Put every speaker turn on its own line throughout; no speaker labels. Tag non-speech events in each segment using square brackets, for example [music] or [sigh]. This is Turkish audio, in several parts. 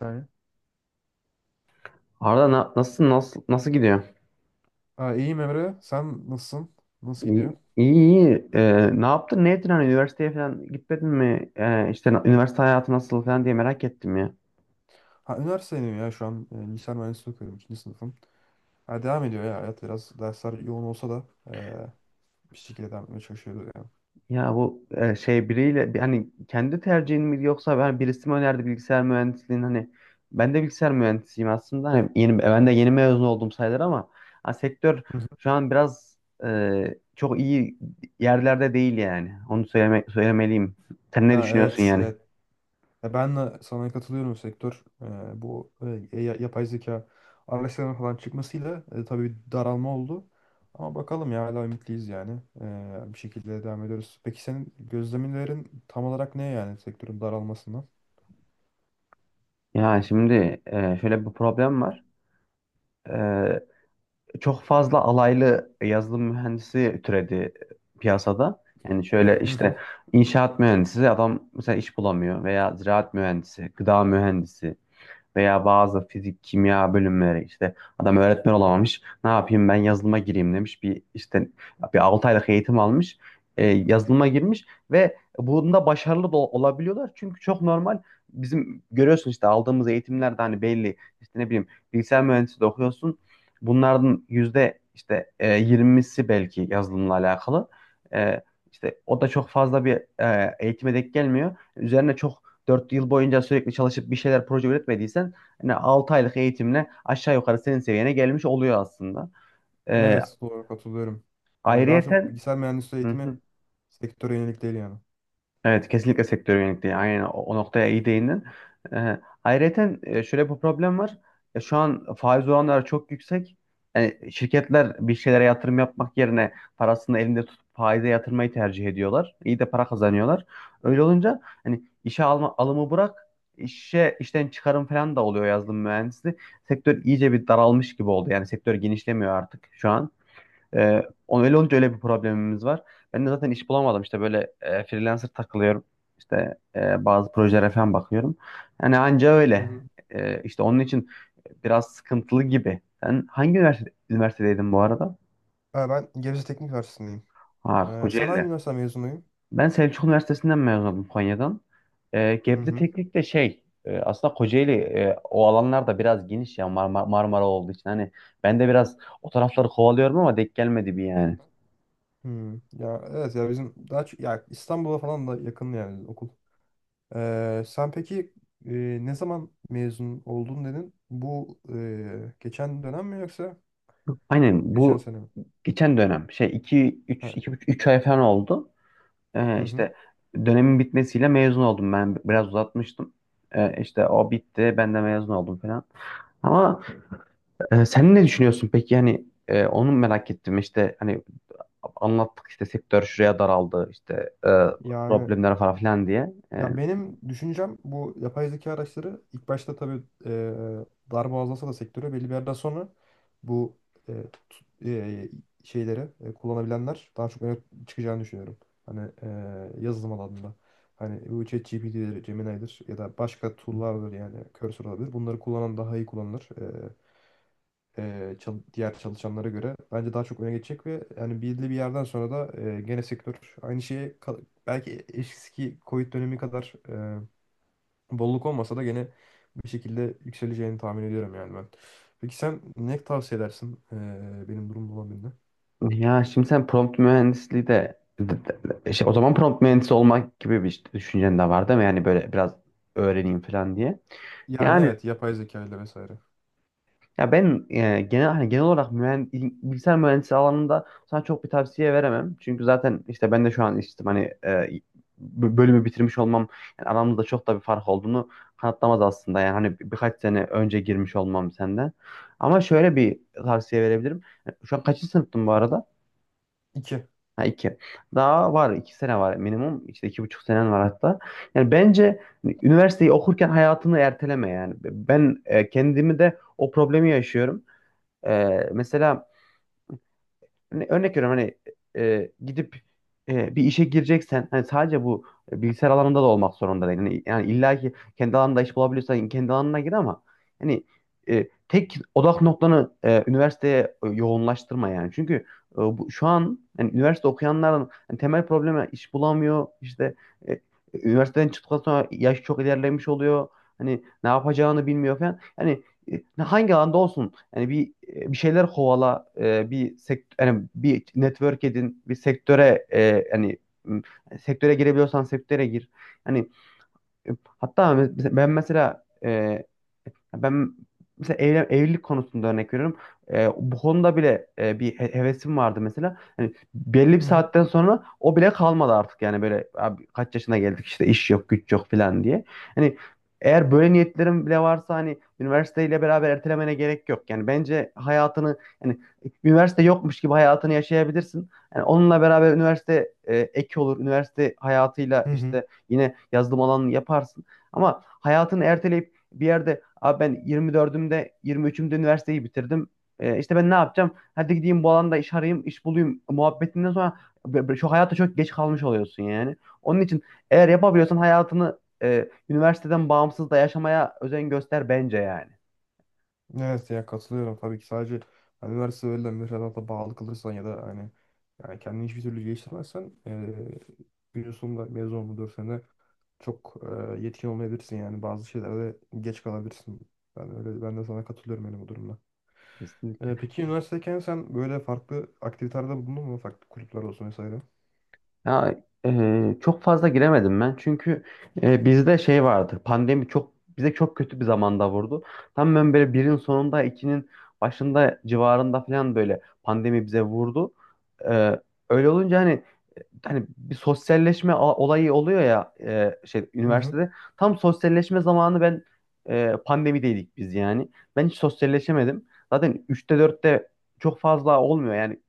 Yani.
Arda nasıl nasıl gidiyor?
Ha, iyiyim Emre. Sen nasılsın? Nasıl gidiyor?
İyi iyi. Ne yaptın? Ne ettin? Hani üniversiteye falan gitmedin mi? İşte üniversite hayatı nasıl falan diye merak ettim ya.
Ha, üniversitedeyim ya şu an. Bilgisayar mühendisliği okuyorum. İkinci sınıfım. Ha, devam ediyor ya hayat. Biraz dersler yoğun olsa da bir şekilde devam etmeye çalışıyoruz yani.
Ya bu şey biriyle hani kendi tercihin mi yoksa ben birisi mi önerdi bilgisayar mühendisliğini? Hani ben de bilgisayar mühendisiyim aslında. Hani ben de yeni mezun oldum sayılır ama ha, sektör
Hı hı.
şu an biraz çok iyi yerlerde değil yani. Onu söylemeliyim. Sen ne
Ha,
düşünüyorsun
evet.
yani?
Evet. Ben de sana katılıyorum sektör. Bu Yapay zeka araçlarının falan çıkmasıyla tabii bir daralma oldu. Ama bakalım ya hala ümitliyiz yani. Bir şekilde devam ediyoruz. Peki senin gözlemlerin tam olarak ne yani, sektörün daralmasından?
Ya şimdi şöyle bir problem var. Ee, Çok fazla alaylı yazılım mühendisi türedi piyasada. Yani şöyle işte inşaat mühendisi adam mesela iş bulamıyor veya ziraat mühendisi, gıda mühendisi. Veya bazı fizik, kimya bölümleri işte adam öğretmen olamamış. Ne yapayım, ben yazılıma gireyim demiş. Bir 6 aylık eğitim almış. Yazılıma girmiş ve bunda başarılı da olabiliyorlar. Çünkü çok normal, bizim görüyorsun işte aldığımız eğitimlerde hani belli işte ne bileyim, bilgisayar mühendisliği de okuyorsun. Bunlardan yüzde işte 20'si belki yazılımla alakalı. E, işte o da çok fazla bir eğitime denk gelmiyor. Üzerine çok, dört yıl boyunca sürekli çalışıp bir şeyler proje üretmediysen yani 6 aylık eğitimle aşağı yukarı senin seviyene gelmiş oluyor aslında. Evet.
Evet, doğru, katılıyorum. Yani daha çok
Ayrıyeten
bilgisayar mühendisliği eğitimi
[laughs]
sektöre yönelik değil yani.
evet, kesinlikle sektör yönelikliği. Aynen o noktaya iyi değindin. Ayrıyeten şöyle bir problem var. Şu an faiz oranları çok yüksek. Yani şirketler bir şeylere yatırım yapmak yerine parasını elinde tutup faize yatırmayı tercih ediyorlar. İyi de para kazanıyorlar. Öyle olunca hani işe alma, alımı bırak, işe işten çıkarım falan da oluyor yazılım mühendisliği. Sektör iyice bir daralmış gibi oldu. Yani sektör genişlemiyor artık şu an. Öyle olunca öyle bir problemimiz var. Ben de zaten iş bulamadım. İşte böyle freelancer takılıyorum. İşte bazı projelere falan bakıyorum. Yani anca
Hı
öyle.
hı.
İşte onun için biraz sıkıntılı gibi. Sen hangi üniversitedeydin bu arada?
Ha, ben Gebze Teknik Üniversitesi'ndeyim.
Ha,
Sen hangi
Kocaeli'de.
üniversite mezunuyum?
Ben Selçuk Üniversitesi'nden mezunum, Konya'dan. E,
Hı
Gebze
hı.
Teknik de şey, aslında Kocaeli o alanlarda biraz geniş ya, Marmara olduğu için. Hani ben de biraz o tarafları kovalıyorum ama denk gelmedi bir yani.
Hı. Ya evet, ya bizim daha çok ya İstanbul'a falan da yakın yani okul. Sen peki e, ne zaman mezun oldun dedin? Bu geçen dönem mi yoksa
Aynen
geçen
bu
sene mi?
geçen dönem şey, iki
Ha.
üç iki 2 3 ay falan oldu.
Hı hı.
İşte dönemin bitmesiyle mezun oldum, ben biraz uzatmıştım. İşte o bitti, ben de mezun oldum falan. Ama sen ne düşünüyorsun peki yani? Onu merak ettim işte, hani anlattık işte sektör şuraya daraldı işte e,
Yani.
problemler falan filan diye.
Ya benim düşüncem bu yapay zeka araçları ilk başta tabii darbe azalsa da sektörü belli bir yerden sonra bu e, tut- e, şeyleri kullanabilenler daha çok öne çıkacağını düşünüyorum. Hani yazılım alanında. Hani bu ChatGPT'dir, Gemini'dir ya da başka tool'lardır, yani Cursor olabilir. Bunları kullanan daha iyi kullanılır, diğer çalışanlara göre bence daha çok öne geçecek ve yani belirli bir yerden sonra da gene sektör aynı şeye belki eski Covid dönemi kadar bolluk olmasa da gene bir şekilde yükseleceğini tahmin ediyorum yani ben. Peki sen ne tavsiye edersin benim durumda olan birine?
Ya şimdi sen prompt mühendisliği şey, o zaman prompt mühendisi olmak gibi bir işte düşüncen de var değil mi? Yani böyle biraz öğreneyim falan diye.
Yani
Yani
evet, yapay zeka ile vesaire.
ya ben genel hani bilgisayar mühendisi alanında sana çok bir tavsiye veremem. Çünkü zaten işte ben de şu an işte hani bölümü bitirmiş olmam yani aramızda çok da bir fark olduğunu kanıtlamaz aslında. Yani hani birkaç sene önce girmiş olmam senden. Ama şöyle bir tavsiye verebilirim. Yani şu an kaçıncı sınıftın bu arada?
İki.
Ha, iki. Daha var, iki sene var minimum. İşte iki buçuk senen var hatta. Yani bence hani üniversiteyi okurken hayatını erteleme yani. Ben kendimi de o problemi yaşıyorum. Mesela hani örnek veriyorum, hani gidip bir işe gireceksen hani sadece bu bilgisayar alanında da olmak zorunda değil. Yani illa ki kendi alanında iş bulabiliyorsan kendi alanına gir ama hani tek odak noktanı üniversiteye yoğunlaştırma yani. Çünkü şu an yani üniversite okuyanların hani temel problemi iş bulamıyor. İşte e, üniversiteden çıktıktan sonra yaş çok ilerlemiş oluyor. Hani ne yapacağını bilmiyor falan. Hani hangi alanda olsun yani bir şeyler kovala, e, bir sekt yani bir network edin, bir sektöre yani m, sektöre girebiliyorsan sektöre gir. Yani e, hatta ben mesela evlilik konusunda örnek veriyorum. Bu konuda bile bir hevesim vardı mesela. Hani belli bir
Hı hı.
saatten sonra o bile kalmadı artık yani, böyle abi kaç yaşına geldik işte, iş yok güç yok falan diye. Hani eğer böyle niyetlerim bile varsa hani üniversiteyle beraber ertelemene gerek yok. Yani bence hayatını yani üniversite yokmuş gibi hayatını yaşayabilirsin. Yani onunla beraber üniversite ek olur. Üniversite hayatıyla
Hı hı.
işte yine yazılım alanını yaparsın. Ama hayatını erteleyip bir yerde abi ben 24'ümde, 23'ümde üniversiteyi bitirdim. İşte ben ne yapacağım? Hadi gideyim bu alanda iş arayayım, iş bulayım muhabbetinden sonra şu hayata çok geç kalmış oluyorsun yani. Onun için eğer yapabiliyorsan hayatını üniversiteden bağımsız da yaşamaya özen göster bence yani.
Evet ya, katılıyorum tabii ki. Sadece hani üniversite öğrenilen müfredata bağlı kalırsan ya da hani yani kendini hiçbir türlü geliştirmezsen günün sonunda mezun olma 4 sene çok yetkin olmayabilirsin yani, bazı şeylerde geç kalabilirsin. Ben öyle, ben de sana katılıyorum yani bu durumda. Peki üniversitedeyken sen böyle farklı aktivitelerde bulundun mu? Farklı kulüpler olsun vesaire.
Ya çok fazla giremedim ben çünkü bizde şey vardı, pandemi çok bize çok kötü bir zamanda vurdu. Tam ben böyle birin sonunda ikinin başında civarında falan böyle pandemi bize vurdu. E, Öyle olunca hani bir sosyalleşme olayı oluyor ya, şey
Hı hı.
üniversitede tam sosyalleşme zamanı ben pandemideydik biz yani. Ben hiç sosyalleşemedim. Zaten üçte dörtte çok fazla olmuyor yani.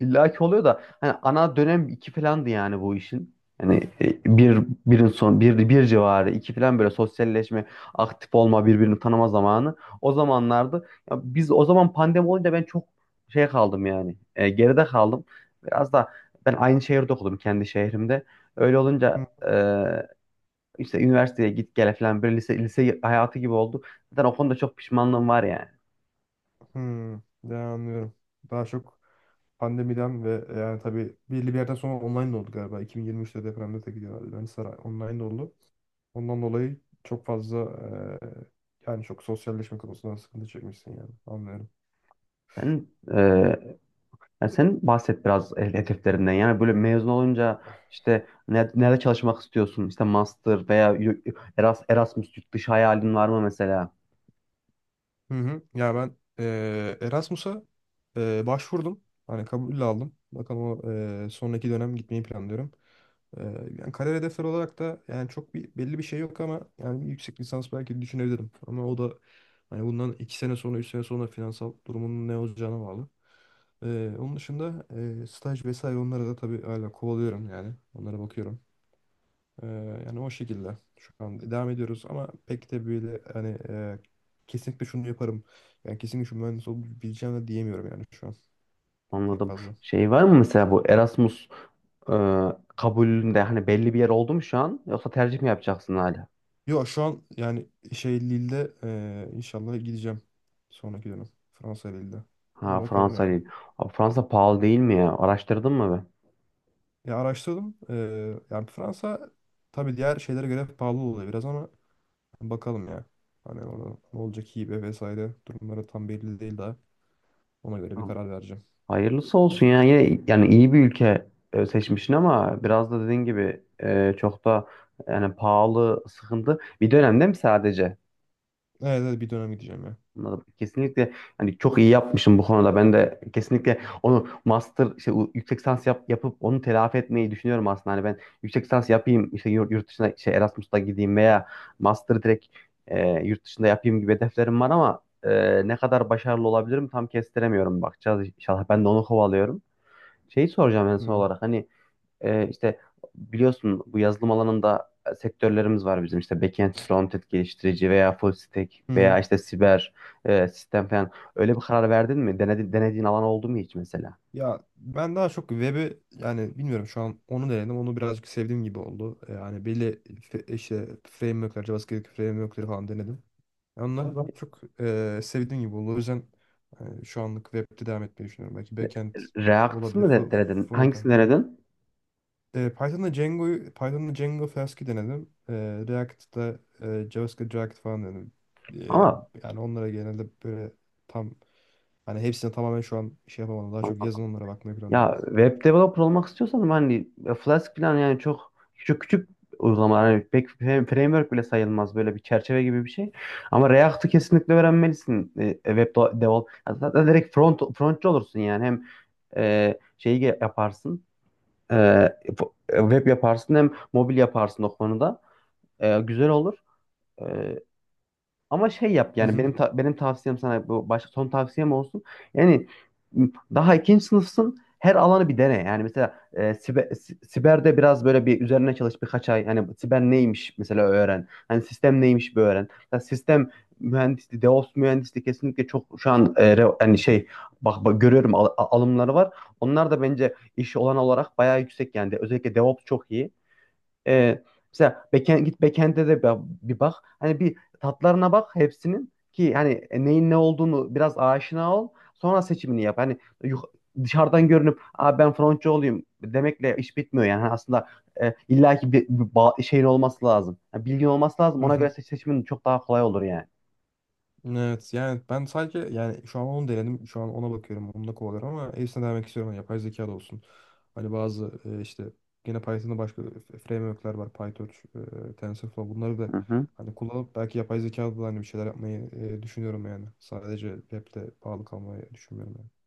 İlla ki oluyor da hani ana dönem iki falandı yani bu işin. Hani e, bir birin son bir civarı iki falan böyle sosyalleşme, aktif olma, birbirini tanıma zamanı. O zamanlardı. Ya biz o zaman pandemi olunca ben çok şey kaldım yani. Geride kaldım. Biraz da ben aynı şehirde okudum, kendi şehrimde. Öyle olunca
Hı
işte üniversiteye git gele falan böyle lise hayatı gibi oldu. Zaten o konuda çok pişmanlığım var yani.
hı. Ya, anlıyorum. Daha çok pandemiden ve yani tabii belli bir yerden sonra online de oldu galiba. 2023'te depremde de gidiyor. Yani saray online de oldu. Ondan dolayı çok fazla eee, yani çok sosyalleşme konusunda sıkıntı çekmişsin yani. Anlıyorum.
Sen e, yani sen bahset biraz hedeflerinden. Yani böyle mezun olunca işte nerede çalışmak istiyorsun? İşte master veya Erasmus, yurt dışı hayalin var mı mesela?
Hı hı. Ya ben Erasmus'a başvurdum. Hani kabul aldım. Bakalım o, sonraki dönem gitmeyi planlıyorum. Eee, Yani kariyer hedefleri olarak da yani çok bir belli bir şey yok, ama yani bir yüksek lisans belki düşünebilirim. Ama o da hani bundan iki sene sonra, üç sene sonra finansal durumunun ne olacağına bağlı. Onun dışında staj vesaire, onlara da tabii hala kovalıyorum yani. Onlara bakıyorum. Ee, Yani o şekilde şu an devam ediyoruz, ama pek de böyle hani kesinlikle şunu yaparım, yani kesinlikle şu mühendis olabileceğim de diyemiyorum yani şu an pek
Anladım.
fazla.
Şey var mı mesela bu Erasmus e, kabulünde hani belli bir yer oldu mu şu an? Yoksa tercih mi yapacaksın hala?
Yok, şu an yani şey Lille'de inşallah gideceğim sonraki dönem, Fransa Lille'de. Ama
Ha,
bakalım
Fransa
yani.
değil. Abi Fransa pahalı değil mi ya? Araştırdın mı be?
Ya araştırdım. Yani Fransa tabii diğer şeylere göre pahalı oluyor biraz ama bakalım ya. Hani orada ne olacak, hibe vesaire durumları tam belli değil daha. Ona göre bir karar vereceğim.
Hayırlısı olsun ya. Yani iyi bir ülke seçmişsin ama biraz da dediğin gibi çok da yani pahalı, sıkıntı bir dönemde mi sadece?
Evet, evet, bir dönem gideceğim ya.
Anladım. Kesinlikle hani çok iyi yapmışım bu konuda. Ben de kesinlikle onu master işte yüksek lisans yapıp onu telafi etmeyi düşünüyorum aslında. Hani ben yüksek lisans yapayım işte yurt dışına şey Erasmus'ta gideyim veya master direkt yurt dışında yapayım gibi hedeflerim var ama ne kadar başarılı olabilirim tam kestiremiyorum. Bakacağız inşallah. Ben de onu kovalıyorum. Şeyi soracağım en son
Hı.
olarak, hani işte biliyorsun bu yazılım alanında sektörlerimiz var bizim, işte backend, frontend geliştirici veya full stack
Hı
veya
hı.
işte siber sistem falan. Öyle bir karar verdin mi? Denediğin alan oldu mu hiç mesela?
Ya ben daha çok web'i, yani bilmiyorum, şu an onu denedim. Onu birazcık sevdiğim gibi oldu. Yani belli işte framework'ler, JavaScript framework'leri falan denedim. Yani onlar daha çok sevdiğim gibi oldu. O yüzden şu anlık web'de devam etmeyi düşünüyorum. Belki backend
React
olabilir,
mı denedin? Hangisini
front'a.
denedin?
Python'da Django'yu, Python'da Django Flask'i denedim. React'da JavaScript React falan denedim. E,
Ama
Yani onlara genelde böyle tam, hani hepsine tamamen şu an şey yapamadım. Daha çok yazılımlara bakmayı planlıyorum.
ya web developer olmak istiyorsan hani Flask falan yani çok küçük uygulamalar, hani pek framework bile sayılmaz, böyle bir çerçeve gibi bir şey. Ama React'ı kesinlikle öğrenmelisin. Web developer. Ya zaten direkt frontçı olursun yani, hem yaparsın. e, Web yaparsın hem mobil yaparsın o konuda. Güzel olur. E, Ama şey yap,
Hı
yani
hı.
benim tavsiyem sana bu, başka son tavsiyem olsun. Yani m, daha ikinci sınıfsın, her alanı bir dene. Yani mesela siberde biraz böyle bir üzerine çalış birkaç ay. Yani siber neymiş mesela öğren. Hani sistem neymiş bir öğren. Mesela sistem mühendisliği, DevOps mühendisliği kesinlikle çok şu an hani şey, bak görüyorum alımları var. Onlar da bence iş olan olarak bayağı yüksek yani. Özellikle DevOps çok iyi. Ee, Mesela backend, git backend'e de bir bak. Hani bir tatlarına bak hepsinin ki hani neyin ne olduğunu biraz aşina ol. Sonra seçimini yap. Hani yuk- dışarıdan görünüp aa, ben frontçı olayım demekle iş bitmiyor yani. Hani aslında illaki bir şeyin olması lazım. Yani bilgin olması lazım.
Hı
Ona
hı.
göre seçimin çok daha kolay olur yani.
Evet yani ben sadece yani şu an onu denedim. Şu an ona bakıyorum. Onunla kovalıyorum ama hepsine denemek istiyorum. Yani yapay zeka da olsun. Hani bazı işte yine Python'da başka framework'ler var. PyTorch, TensorFlow, bunları da
Hı hı.
hani kullanıp belki yapay zeka da hani bir şeyler yapmayı düşünüyorum yani. Sadece web'de bağlı kalmayı düşünmüyorum yani.